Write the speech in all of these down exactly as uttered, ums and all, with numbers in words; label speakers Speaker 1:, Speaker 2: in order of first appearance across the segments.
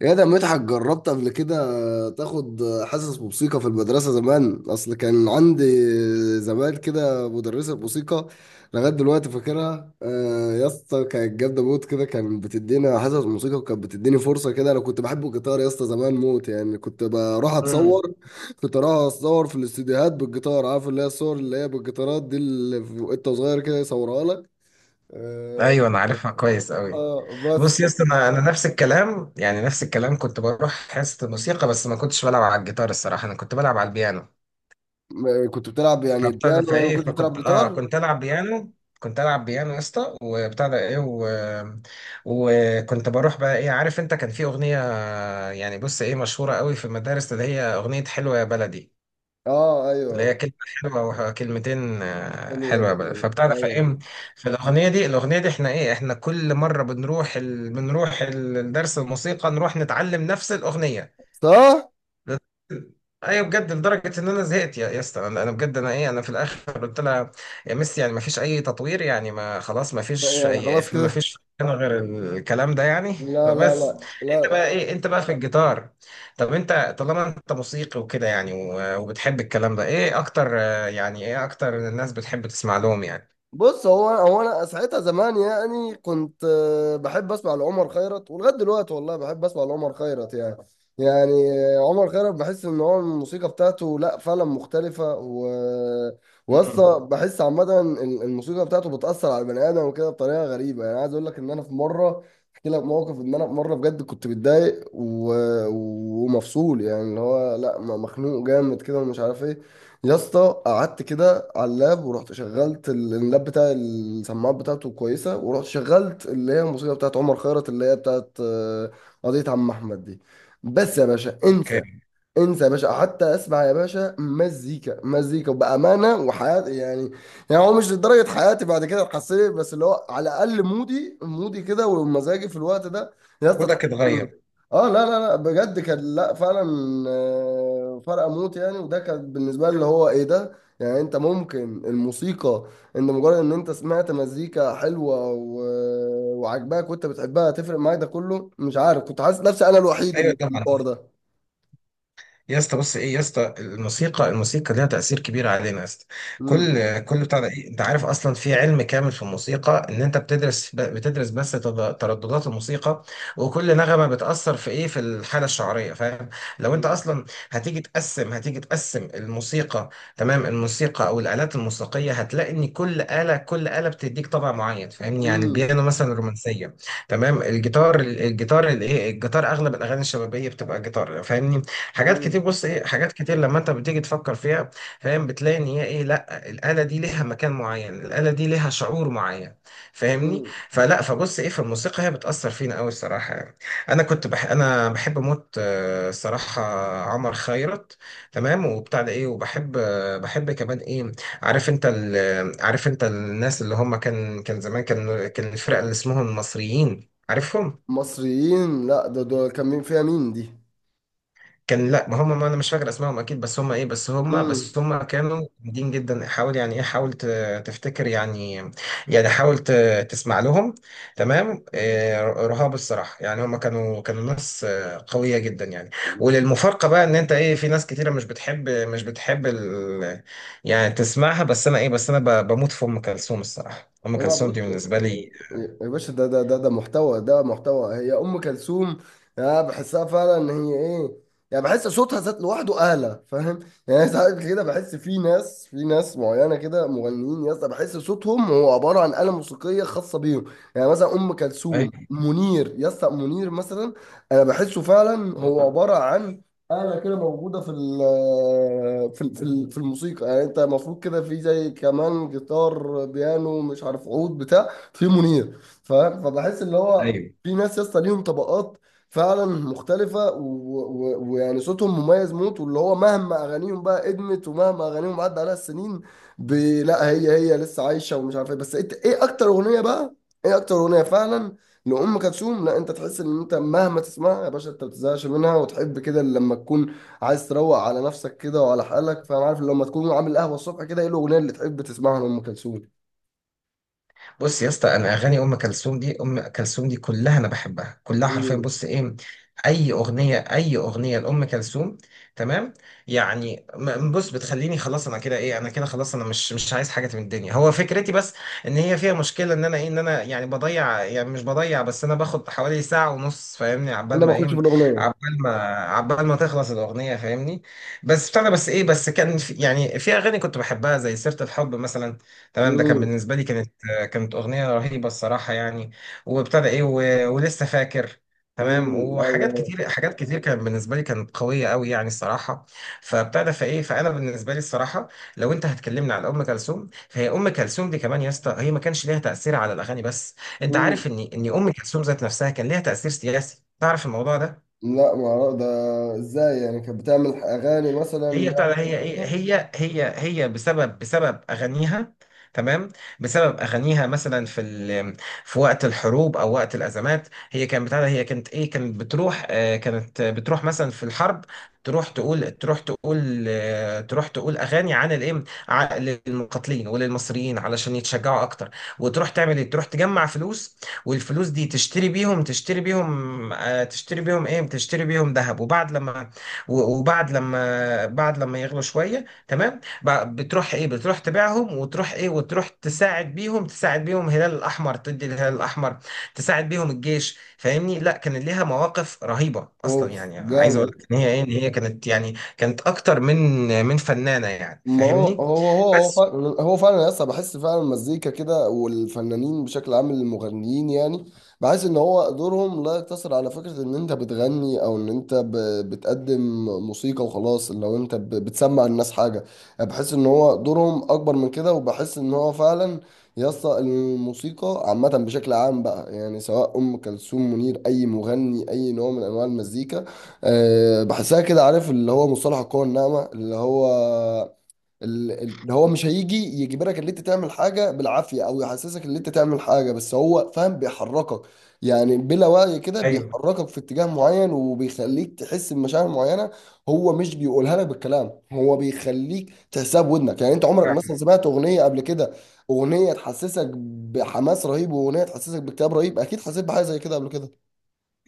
Speaker 1: يا ده مدحت، جربت قبل كده تاخد حصص موسيقى في المدرسة زمان؟ أصل كان عندي زمان كده مدرسة موسيقى. لغاية دلوقتي فاكرها. آه، يا اسطى، كانت جامدة موت كده، كانت بتدينا حصص موسيقى وكانت بتديني فرصة كده. أنا كنت بحب الجيتار يا اسطى زمان موت، يعني كنت بروح
Speaker 2: امم
Speaker 1: أتصور كنت أروح أتصور في الاستديوهات بالجيتار. عارف اللي هي الصور اللي هي بالجيتارات دي اللي في- وأنت صغير كده يصورها لك. آه،
Speaker 2: ايوه، انا عارفها كويس قوي.
Speaker 1: آه، بس.
Speaker 2: بص يا اسطى، انا انا نفس الكلام، يعني نفس الكلام. كنت بروح حصه موسيقى، بس ما كنتش بلعب على الجيتار الصراحه، انا كنت بلعب على البيانو.
Speaker 1: كنت بتلعب يعني
Speaker 2: فبتاع ده
Speaker 1: بيانو، يعني ما
Speaker 2: فايه
Speaker 1: كنتش بتلعب
Speaker 2: فكنت اه
Speaker 1: جيتار.
Speaker 2: كنت العب بيانو، كنت العب بيانو يا اسطى، وبتاع ده ايه و... وكنت بروح بقى، ايه عارف انت، كان في اغنيه، يعني بص ايه مشهوره قوي في المدارس، اللي هي اغنيه حلوه يا بلدي،
Speaker 1: اه،
Speaker 2: اللي هي
Speaker 1: ايوه.
Speaker 2: كلمة حلوة أو كلمتين، آه،
Speaker 1: حلو يا
Speaker 2: حلوة بقى.
Speaker 1: بدر،
Speaker 2: فبتعرف
Speaker 1: ايوه.
Speaker 2: إيه فالأغنية دي، الأغنية دي إحنا إيه إحنا كل مرة بنروح ال... بنروح ال- الدرس الموسيقى، نروح نتعلم نفس الأغنية.
Speaker 1: صح؟
Speaker 2: بس- ايوه بجد، لدرجه ان انا زهقت يا يا اسطى. انا أنا بجد، انا ايه انا في الاخر قلت لها يا ميسي، يعني ما فيش اي تطوير، يعني ما خلاص ما فيش
Speaker 1: يعني خلاص
Speaker 2: أي- ما
Speaker 1: كده.
Speaker 2: فيش انا غير الكلام ده يعني.
Speaker 1: لا، لا،
Speaker 2: فبس
Speaker 1: لا،
Speaker 2: انت
Speaker 1: لا.
Speaker 2: بقى ايه انت بقى في الجيتار؟ طب انت طالما انت موسيقي وكده، يعني و- وبتحب الكلام ده، ايه اكتر آه، يعني ايه اكتر الناس بتحب تسمع لهم يعني؟
Speaker 1: بص، هو هو انا ساعتها زمان يعني كنت آه، بحب اسمع لعمر خيرت، ولغايه دلوقتي والله بحب اسمع لعمر خيرت يعني يعني آه، عمر خيرت، بحس ان هو الموسيقى بتاعته لا فعلا مختلفه. و وأصلا
Speaker 2: امم
Speaker 1: بحس عامه ال- الموسيقى بتاعته بتاثر على البني ادم وكده بطريقه غريبه. يعني عايز اقول لك ان انا في مره، احكي لك موقف ان انا في مره بجد كنت متضايق و... ومفصول، يعني اللي هو لا، مخنوق جامد كده ومش عارف ايه. يا اسطى قعدت كده على اللاب، ورحت شغلت ال- اللاب بتاع السماعات بتاعته كويسة، ورحت شغلت اللي هي الموسيقى بتاعت عمر خيرت، اللي هي بتاعت آه، قضية عم أحمد دي. بس يا باشا، انسى
Speaker 2: اوكي.
Speaker 1: انسى يا باشا، حتى اسمع يا باشا، مزيكا مزيكا، وبامانه وحياتي يعني. يعني هو مش لدرجه حياتي بعد كده اتحسنت، بس اللي هو على الاقل مودي مودي كده ومزاجي في الوقت ده يا اسطى
Speaker 2: مودك
Speaker 1: اتحسن.
Speaker 2: اتغير؟
Speaker 1: اه، لا، لا، لا، بجد كان، لا فعلا، آه، فرق موت يعني. وده كان بالنسبه لي اللي هو ايه ده يعني، انت ممكن الموسيقى، ان مجرد ان انت سمعت مزيكا حلوه و... وعجباك وانت بتحبها تفرق معاك، ده كله مش عارف، كنت حاسس نفسي انا الوحيد
Speaker 2: ايوه
Speaker 1: اللي في
Speaker 2: طبعا
Speaker 1: الحوار ده.
Speaker 2: يا اسطى. بص ايه يا اسطى، الموسيقى، الموسيقى ليها تأثير كبير علينا يا اسطى. كل كل بتاع ده إيه؟ انت عارف اصلا في علم كامل في الموسيقى، ان انت بتدرس ب- بتدرس بس تض- ترددات الموسيقى، وكل نغمة بتأثر في ايه في الحالة الشعرية، فاهم؟ لو انت
Speaker 1: امم،
Speaker 2: اصلا هتيجي تقسم هتيجي تقسم الموسيقى، تمام، الموسيقى او الآلات الموسيقية، هتلاقي ان كل آلة كل آلة بتديك طبع معين، فاهمني؟ يعني
Speaker 1: امم،
Speaker 2: البيانو مثلا رومانسية، تمام. الجيتار الجيتار الايه الجيتار، اغلب الاغاني الشبابيه بتبقى جيتار، فاهمني؟ حاجات كتير،
Speaker 1: امم،
Speaker 2: بص ايه حاجات كتير لما انت بتيجي تفكر فيها، فاهم؟ بتلاقي ان هي ايه لا الآلة دي ليها مكان معين، الآلة دي ليها شعور معين، فاهمني؟
Speaker 1: امم.
Speaker 2: فلا فبص ايه في الموسيقى، هي بتأثر فينا قوي الصراحة يعني. انا كنت بح انا بحب موت آه، الصراحة عمر خيرت، تمام. وبتاع ده ايه وبحب، آه، بحب كمان، ايه عارف انت ال- عارف انت الناس اللي هم، كان كان زمان، كان كان الفرقة اللي اسمهم المصريين، عارفهم؟
Speaker 1: مصريين؟ لا، ده ده كان مين فيها؟ مين دي؟
Speaker 2: كان لا ما هم ما انا مش فاكر اسمائهم اكيد، بس هم ايه بس هم
Speaker 1: امم.
Speaker 2: بس هم كانوا جامدين جدا. حاول يعني ايه حاول ت- تفتكر يعني، يعني حاول ت- تسمع لهم، تمام؟ آه، رهاب الصراحه، يعني هم كانوا كانوا ناس آه، قويه جدا يعني. وللمفارقه بقى، ان انت ايه في ناس كتيره مش بتحب مش بتحب ال، يعني تسمعها. بس انا ايه بس انا ب- بموت في ام كلثوم الصراحه. ام
Speaker 1: بقى
Speaker 2: كلثوم
Speaker 1: بص
Speaker 2: دي بالنسبه لي،
Speaker 1: يا باشا، ده ده ده ده محتوى، ده محتوى هي ام كلثوم. انا بحسها فعلا ان هي ايه، يعني بحس صوتها ذات لوحده اعلى، فاهم؟ يعني ساعات كده بحس في ناس، في ناس معينه كده، مغنيين يا اسطى، بحس صوتهم هو عباره عن آلة موسيقيه خاصه بيهم. يعني مثلا ام كلثوم، منير يا اسطى، منير مثلا، انا بحسه فعلا هو عباره عن آلة كده موجودة في ال، في ال- في ال- في الموسيقى. يعني أنت المفروض كده في زي كمان جيتار، بيانو، مش عارف، عود، بتاع في منير، فاهم. فبحس اللي هو
Speaker 2: ايوه.
Speaker 1: في ناس يا اسطى ليهم طبقات فعلا مختلفة، و- و- ويعني صوتهم مميز موت، واللي هو مهما أغانيهم بقى قدمت ومهما أغانيهم عدى عليها السنين، ب- لا هي هي لسه عايشة ومش عارف إيه. بس إنت إيه أكتر أغنية بقى، إيه أكتر أغنية فعلا لأم كلثوم، لا انت تحس ان انت مهما تسمعها يا باشا انت ما بتزهقش منها، وتحب كده لما تكون عايز تروق على نفسك كده وعلى حالك. فانا عارف لما تكون عامل قهوه الصبح كده، ايه الاغنيه اللي تحب تسمعها لأم كلثوم؟
Speaker 2: بص يا اسطى، انا اغاني ام كلثوم دي، ام كلثوم دي كلها انا بحبها كلها حرفيا.
Speaker 1: مم.
Speaker 2: بص ايه اي اغنيه، اي اغنيه لام كلثوم، تمام، يعني م- بص بتخليني خلاص، انا كده ايه انا كده خلاص، انا مش مش عايز حاجه من الدنيا. هو فكرتي بس ان هي فيها مشكله، ان انا ايه ان انا يعني بضيع، يعني مش بضيع بس انا باخد حوالي ساعه ونص فاهمني، عبال
Speaker 1: كنا
Speaker 2: ما
Speaker 1: بنخش
Speaker 2: ايه
Speaker 1: في الاغنيه.
Speaker 2: عبال ما عبال ما تخلص الاغنيه فاهمني. بس بتاع ده بس ايه بس كان في يعني في اغاني كنت بحبها، زي سيره الحب مثلا، تمام. ده كان
Speaker 1: مم.
Speaker 2: بالنسبه لي، كانت كانت أغنية رهيبة الصراحة يعني. وابتدى إيه و... ولسه فاكر، تمام.
Speaker 1: مم.
Speaker 2: وحاجات
Speaker 1: ايوه.
Speaker 2: كتير، حاجات كتير كانت بالنسبة لي، كانت قوية قوي يعني الصراحة. فابتدى فإيه فأنا بالنسبة لي الصراحة، لو أنت هتكلمني على أم كلثوم، فهي أم كلثوم دي كمان يا اسطى، هي ما كانش ليها تأثير على الأغاني بس. أنت
Speaker 1: مم.
Speaker 2: عارف إن إن أم كلثوم ذات نفسها كان ليها تأثير سياسي؟ تعرف الموضوع ده؟
Speaker 1: لا، ما أعرف- ده ازاي يعني، كانت بتعمل اغاني مثلا؟
Speaker 2: هي بتاع ده، هي ايه هي هي هي بسبب بسبب اغانيها، تمام. بسبب اغانيها مثلا في ال... في وقت الحروب او وقت الازمات، هي كانت بتاع ده، هي كانت ايه كانت بتروح آه كانت بتروح مثلا في الحرب، تروح تقول تروح تقول آه تروح تقول اغاني عن الايه ع- للمقاتلين وللمصريين علشان يتشجعوا اكتر، وتروح تعمل ايه تروح تجمع فلوس، والفلوس دي تشتري بيهم، تشتري بيهم آه تشتري بيهم ايه تشتري بيهم ذهب، وبعد لما و- وبعد لما بعد لما يغلوا شويه تمام، ب- بتروح ايه بتروح تبيعهم، وتروح ايه وتروح تساعد بيهم، تساعد بيهم الهلال الاحمر، تدي الهلال الاحمر، تساعد بيهم الجيش فاهمني؟ لا كان ليها مواقف رهيبه اصلا
Speaker 1: اوف
Speaker 2: يعني. عايز اقول
Speaker 1: جامد.
Speaker 2: لك ان هي ايه ان هي كانت، يعني كانت اكتر من من فنانه يعني
Speaker 1: ما هو
Speaker 2: فاهمني.
Speaker 1: هو هو هو
Speaker 2: بس
Speaker 1: فعلا، هو فعلا لسه بحس فعلا المزيكا كده والفنانين بشكل عام المغنيين يعني، بحس ان هو دورهم لا يقتصر على فكرة ان انت بتغني، او ان انت ب- بتقدم موسيقى وخلاص، لو انت ب- بتسمع الناس حاجة. يعني بحس ان هو دورهم اكبر من كده، وبحس ان هو فعلا يسطا الموسيقى عامة بشكل عام بقى، يعني سواء أم كلثوم، منير، أي مغني، أي نوع من أنواع المزيكا، أه بحسها كده. عارف اللي هو مصطلح القوة الناعمة، اللي هو ال- ال- اللي هو مش هيجي يجبرك ان انت تعمل حاجه بالعافيه، او يحسسك ان انت تعمل حاجه، بس هو فاهم بيحركك، يعني بلا وعي كده
Speaker 2: ايوه
Speaker 1: بيحركك في اتجاه معين، وبيخليك تحس بمشاعر معينه. هو مش بيقولها لك بالكلام، هو بيخليك تحسها بودنك. يعني انت عمرك مثلا سمعت اغنيه قبل كده، اغنيه تحسسك بحماس رهيب واغنيه تحسسك باكتئاب رهيب؟ اكيد حسيت بحاجه زي كده قبل كده.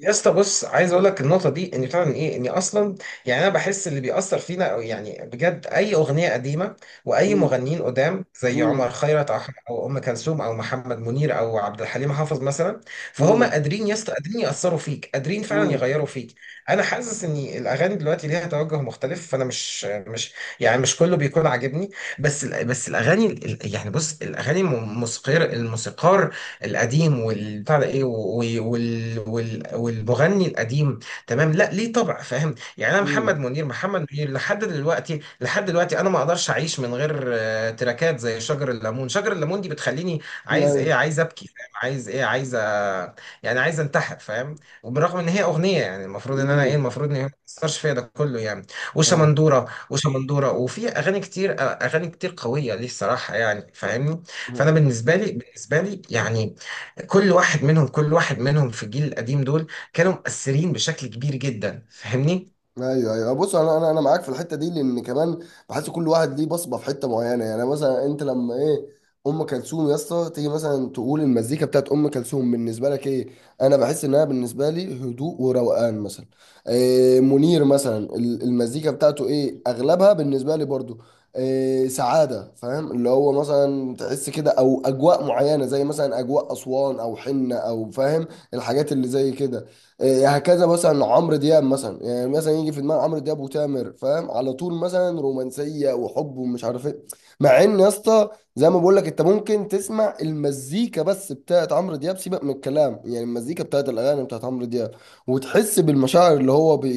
Speaker 2: يا اسطى. بص عايز اقول لك النقطه دي، ان فعلا، ايه اني اصلا يعني انا بحس اللي بيأثر فينا، أو يعني بجد اي اغنيه قديمه، واي
Speaker 1: امم،
Speaker 2: مغنيين قدام زي عمر
Speaker 1: امم،
Speaker 2: خيرت، او او ام كلثوم او محمد منير او عبد الحليم حافظ مثلا. فهم
Speaker 1: امم،
Speaker 2: قادرين يا اسطى، قادرين يأثروا فيك، قادرين فعلا
Speaker 1: امم،
Speaker 2: يغيروا فيك. انا حاسس ان الاغاني دلوقتي ليها توجه مختلف، فانا مش مش يعني مش كله بيكون عاجبني. بس ال- بس الاغاني ال- يعني بص الاغاني، الموسيقار، الموسيقار القديم والبتاع ده ايه وال وال وال والمغني القديم، تمام، لا ليه طبع فاهم. يعني انا محمد
Speaker 1: امم،
Speaker 2: منير، محمد منير لحد دلوقتي، لحد دلوقتي انا ما اقدرش اعيش من غير آه، تراكات زي شجر الليمون. شجر الليمون دي بتخليني عايز ايه عايز ابكي فاهم، عايز ايه عايز أ- يعني عايز انتحر فاهم. وبالرغم ان هي اغنيه، يعني المفروض ان انا ايه المفروض ان هي ما تاثرش فيا ده كله يعني.
Speaker 1: ايوه،
Speaker 2: وشمندوره وشمندوره، وفي اغاني كتير، اغاني كتير قويه ليه الصراحه يعني فاهمني. فانا
Speaker 1: امم،
Speaker 2: بالنسبه لي، بالنسبه لي يعني كل واحد منهم، كل واحد منهم في الجيل القديم دول، كانوا مؤثرين بشكل كبير جدا فاهمني.
Speaker 1: ايوه. ايوه، بص انا انا انا معاك في الحته دي، لان كمان بحس كل واحد ليه بصمه في حته معينه. يعني مثلا انت لما ايه، ام كلثوم يا اسطى، تيجي مثلا تقول المزيكا بتاعت ام كلثوم بالنسبه لك ايه، انا بحس انها بالنسبه لي هدوء وروقان مثلا. إيه منير مثلا، ال- المزيكا بتاعته ايه، اغلبها بالنسبه لي برضو إيه سعاده، فاهم؟ اللي هو مثلا تحس كده، او اجواء معينه زي مثلا اجواء اسوان او حنه او فاهم الحاجات اللي زي كده. إيه هكذا مثلا عمرو دياب مثلا، يعني مثلا يجي في دماغ عمرو دياب وتامر، فاهم على طول، مثلا رومانسيه وحب ومش عارف ايه. مع ان يا اسطى، زي ما بقول لك، انت ممكن تسمع المزيكا بس بتاعت عمرو دياب، سيبك من الكلام، يعني المزيكا بتاعت الاغاني بتاعت عمرو دياب، وتحس بالمشاعر اللي هو بي...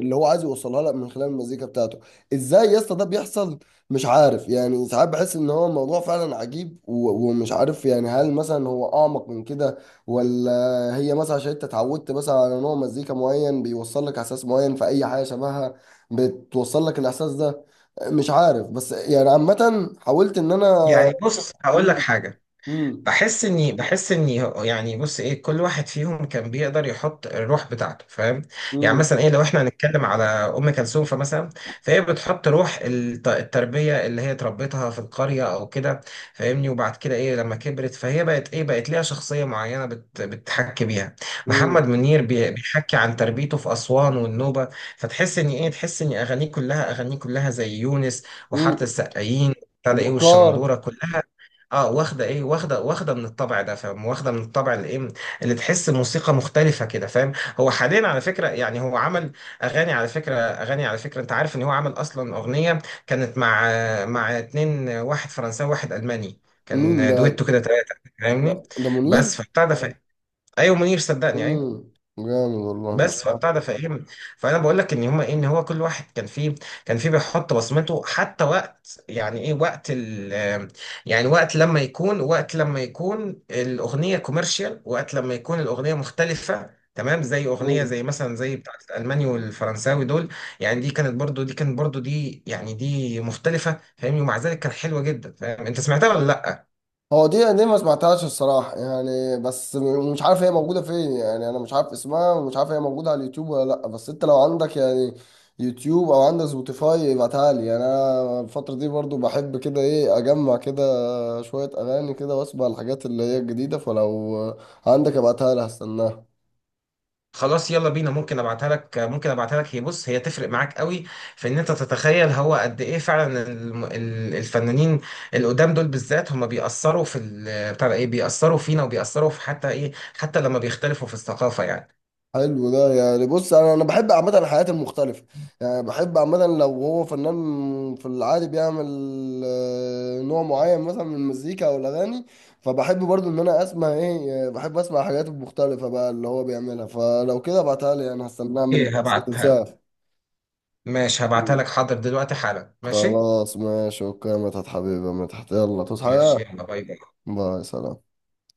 Speaker 1: اللي هو عايز يوصلها لك من خلال المزيكا بتاعته. ازاي يا اسطى ده بيحصل؟ مش عارف، يعني ساعات بحس ان هو الموضوع فعلا عجيب، و... ومش عارف يعني، هل مثلا هو اعمق من كده، ولا هي مثلا عشان انت اتعودت مثلا على نوع مزيكا معين بيوصل لك احساس معين، في اي حاجه شبهها بتوصل لك الاحساس ده، مش عارف. بس يعني عامه حاولت ان انا.
Speaker 2: يعني بص هقول لك
Speaker 1: مم.
Speaker 2: حاجة.
Speaker 1: مم.
Speaker 2: بحس اني بحس اني هو- يعني بص ايه كل واحد فيهم كان بيقدر يحط الروح بتاعته فاهم. يعني
Speaker 1: مم.
Speaker 2: مثلا ايه لو احنا هنتكلم على ام كلثوم، فمثلا فهي بتحط روح الت- التربيه اللي هي تربتها في القريه او كده فاهمني. وبعد كده ايه لما كبرت، فهي بقت ايه بقت ليها شخصيه معينه بت بتحكي بيها.
Speaker 1: مم.
Speaker 2: محمد منير بي- بيحكي عن تربيته في اسوان والنوبه، فتحس ان ايه تحس ان اغانيه كلها، اغانيه كلها زي يونس وحاره
Speaker 1: مم.
Speaker 2: السقايين. ابتدى ايه
Speaker 1: وبكار.
Speaker 2: والشمندوره كلها. اه، واخده ايه واخده واخده من الطبع ده فاهم، واخده من الطبع اللي ايه اللي تحس موسيقى مختلفه كده فاهم. هو حاليا على فكره، يعني هو عمل اغاني على فكره، اغاني على فكره انت عارف ان هو عمل اصلا اغنيه كانت مع مع اتنين، واحد فرنساوي واحد الماني،
Speaker 1: مين
Speaker 2: كان
Speaker 1: ده؟
Speaker 2: دويتو كده ثلاثه
Speaker 1: ده
Speaker 2: فاهمني.
Speaker 1: ده منير.
Speaker 2: بس فبتاع ده ف- ايوه منير، صدقني ايوه.
Speaker 1: مم. جامد والله. مش
Speaker 2: بس فبتاع ده فاهم فانا بقول لك ان هما ايه ان هو كل واحد كان فيه كان فيه بيحط بصمته، حتى وقت يعني ايه وقت ال، يعني وقت لما يكون وقت لما يكون الاغنيه كوميرشال، وقت لما يكون الاغنيه مختلفه، تمام. زي
Speaker 1: عارف
Speaker 2: اغنيه زي مثلا زي بتاعت الالماني والفرنساوي دول، يعني دي كانت برضو، دي كانت برضو دي يعني دي مختلفه فاهمني، ومع ذلك كانت حلوه جدا فاهم. انت سمعتها ولا لا؟
Speaker 1: هو دي دي ما سمعتهاش الصراحة يعني، بس م- مش عارف هي موجودة فين، يعني أنا مش عارف اسمها، ومش عارف هي موجودة على اليوتيوب ولا لأ. بس أنت لو عندك يعني يوتيوب أو عندك سبوتيفاي ابعتها لي. يعني أنا الفترة دي برضو بحب كده إيه أجمع كده شوية أغاني كده، وأسمع الحاجات اللي هي الجديدة. فلو عندك ابعتها لي، هستناها.
Speaker 2: خلاص يلا بينا، ممكن ابعتها لك، ممكن ابعتها لك هي بص هي تفرق معاك قوي في ان انت تتخيل هو قد ايه فعلا الم- ال- الفنانين القدام دول بالذات، هم بيأثروا في ال- بتاع ده ايه بيأثروا فينا، وبيأثروا في حتى ايه حتى لما بيختلفوا في الثقافة يعني.
Speaker 1: حلو ده. يعني بص، انا انا بحب عامه الحياة المختلفه، يعني بحب عامه لو هو فنان في العادي بيعمل آه، نوع معين مثلا من المزيكا او الاغاني، فبحب برضو ان انا اسمع ايه، آه، بحب اسمع الحاجات المختلفه بقى اللي هو بيعملها. فلو كده ابعتها لي، انا هستناها منك،
Speaker 2: ايه
Speaker 1: بس ما
Speaker 2: هبعتها لك،
Speaker 1: تنساها.
Speaker 2: ماشي هبعتها لك، حاضر دلوقتي حالا، ماشي.
Speaker 1: خلاص ماشي، اوكي يا مدحت حبيبي، يا مدحت يلا تصحى
Speaker 2: ماشي
Speaker 1: يا.
Speaker 2: يلا، باي باي.
Speaker 1: باي، سلام.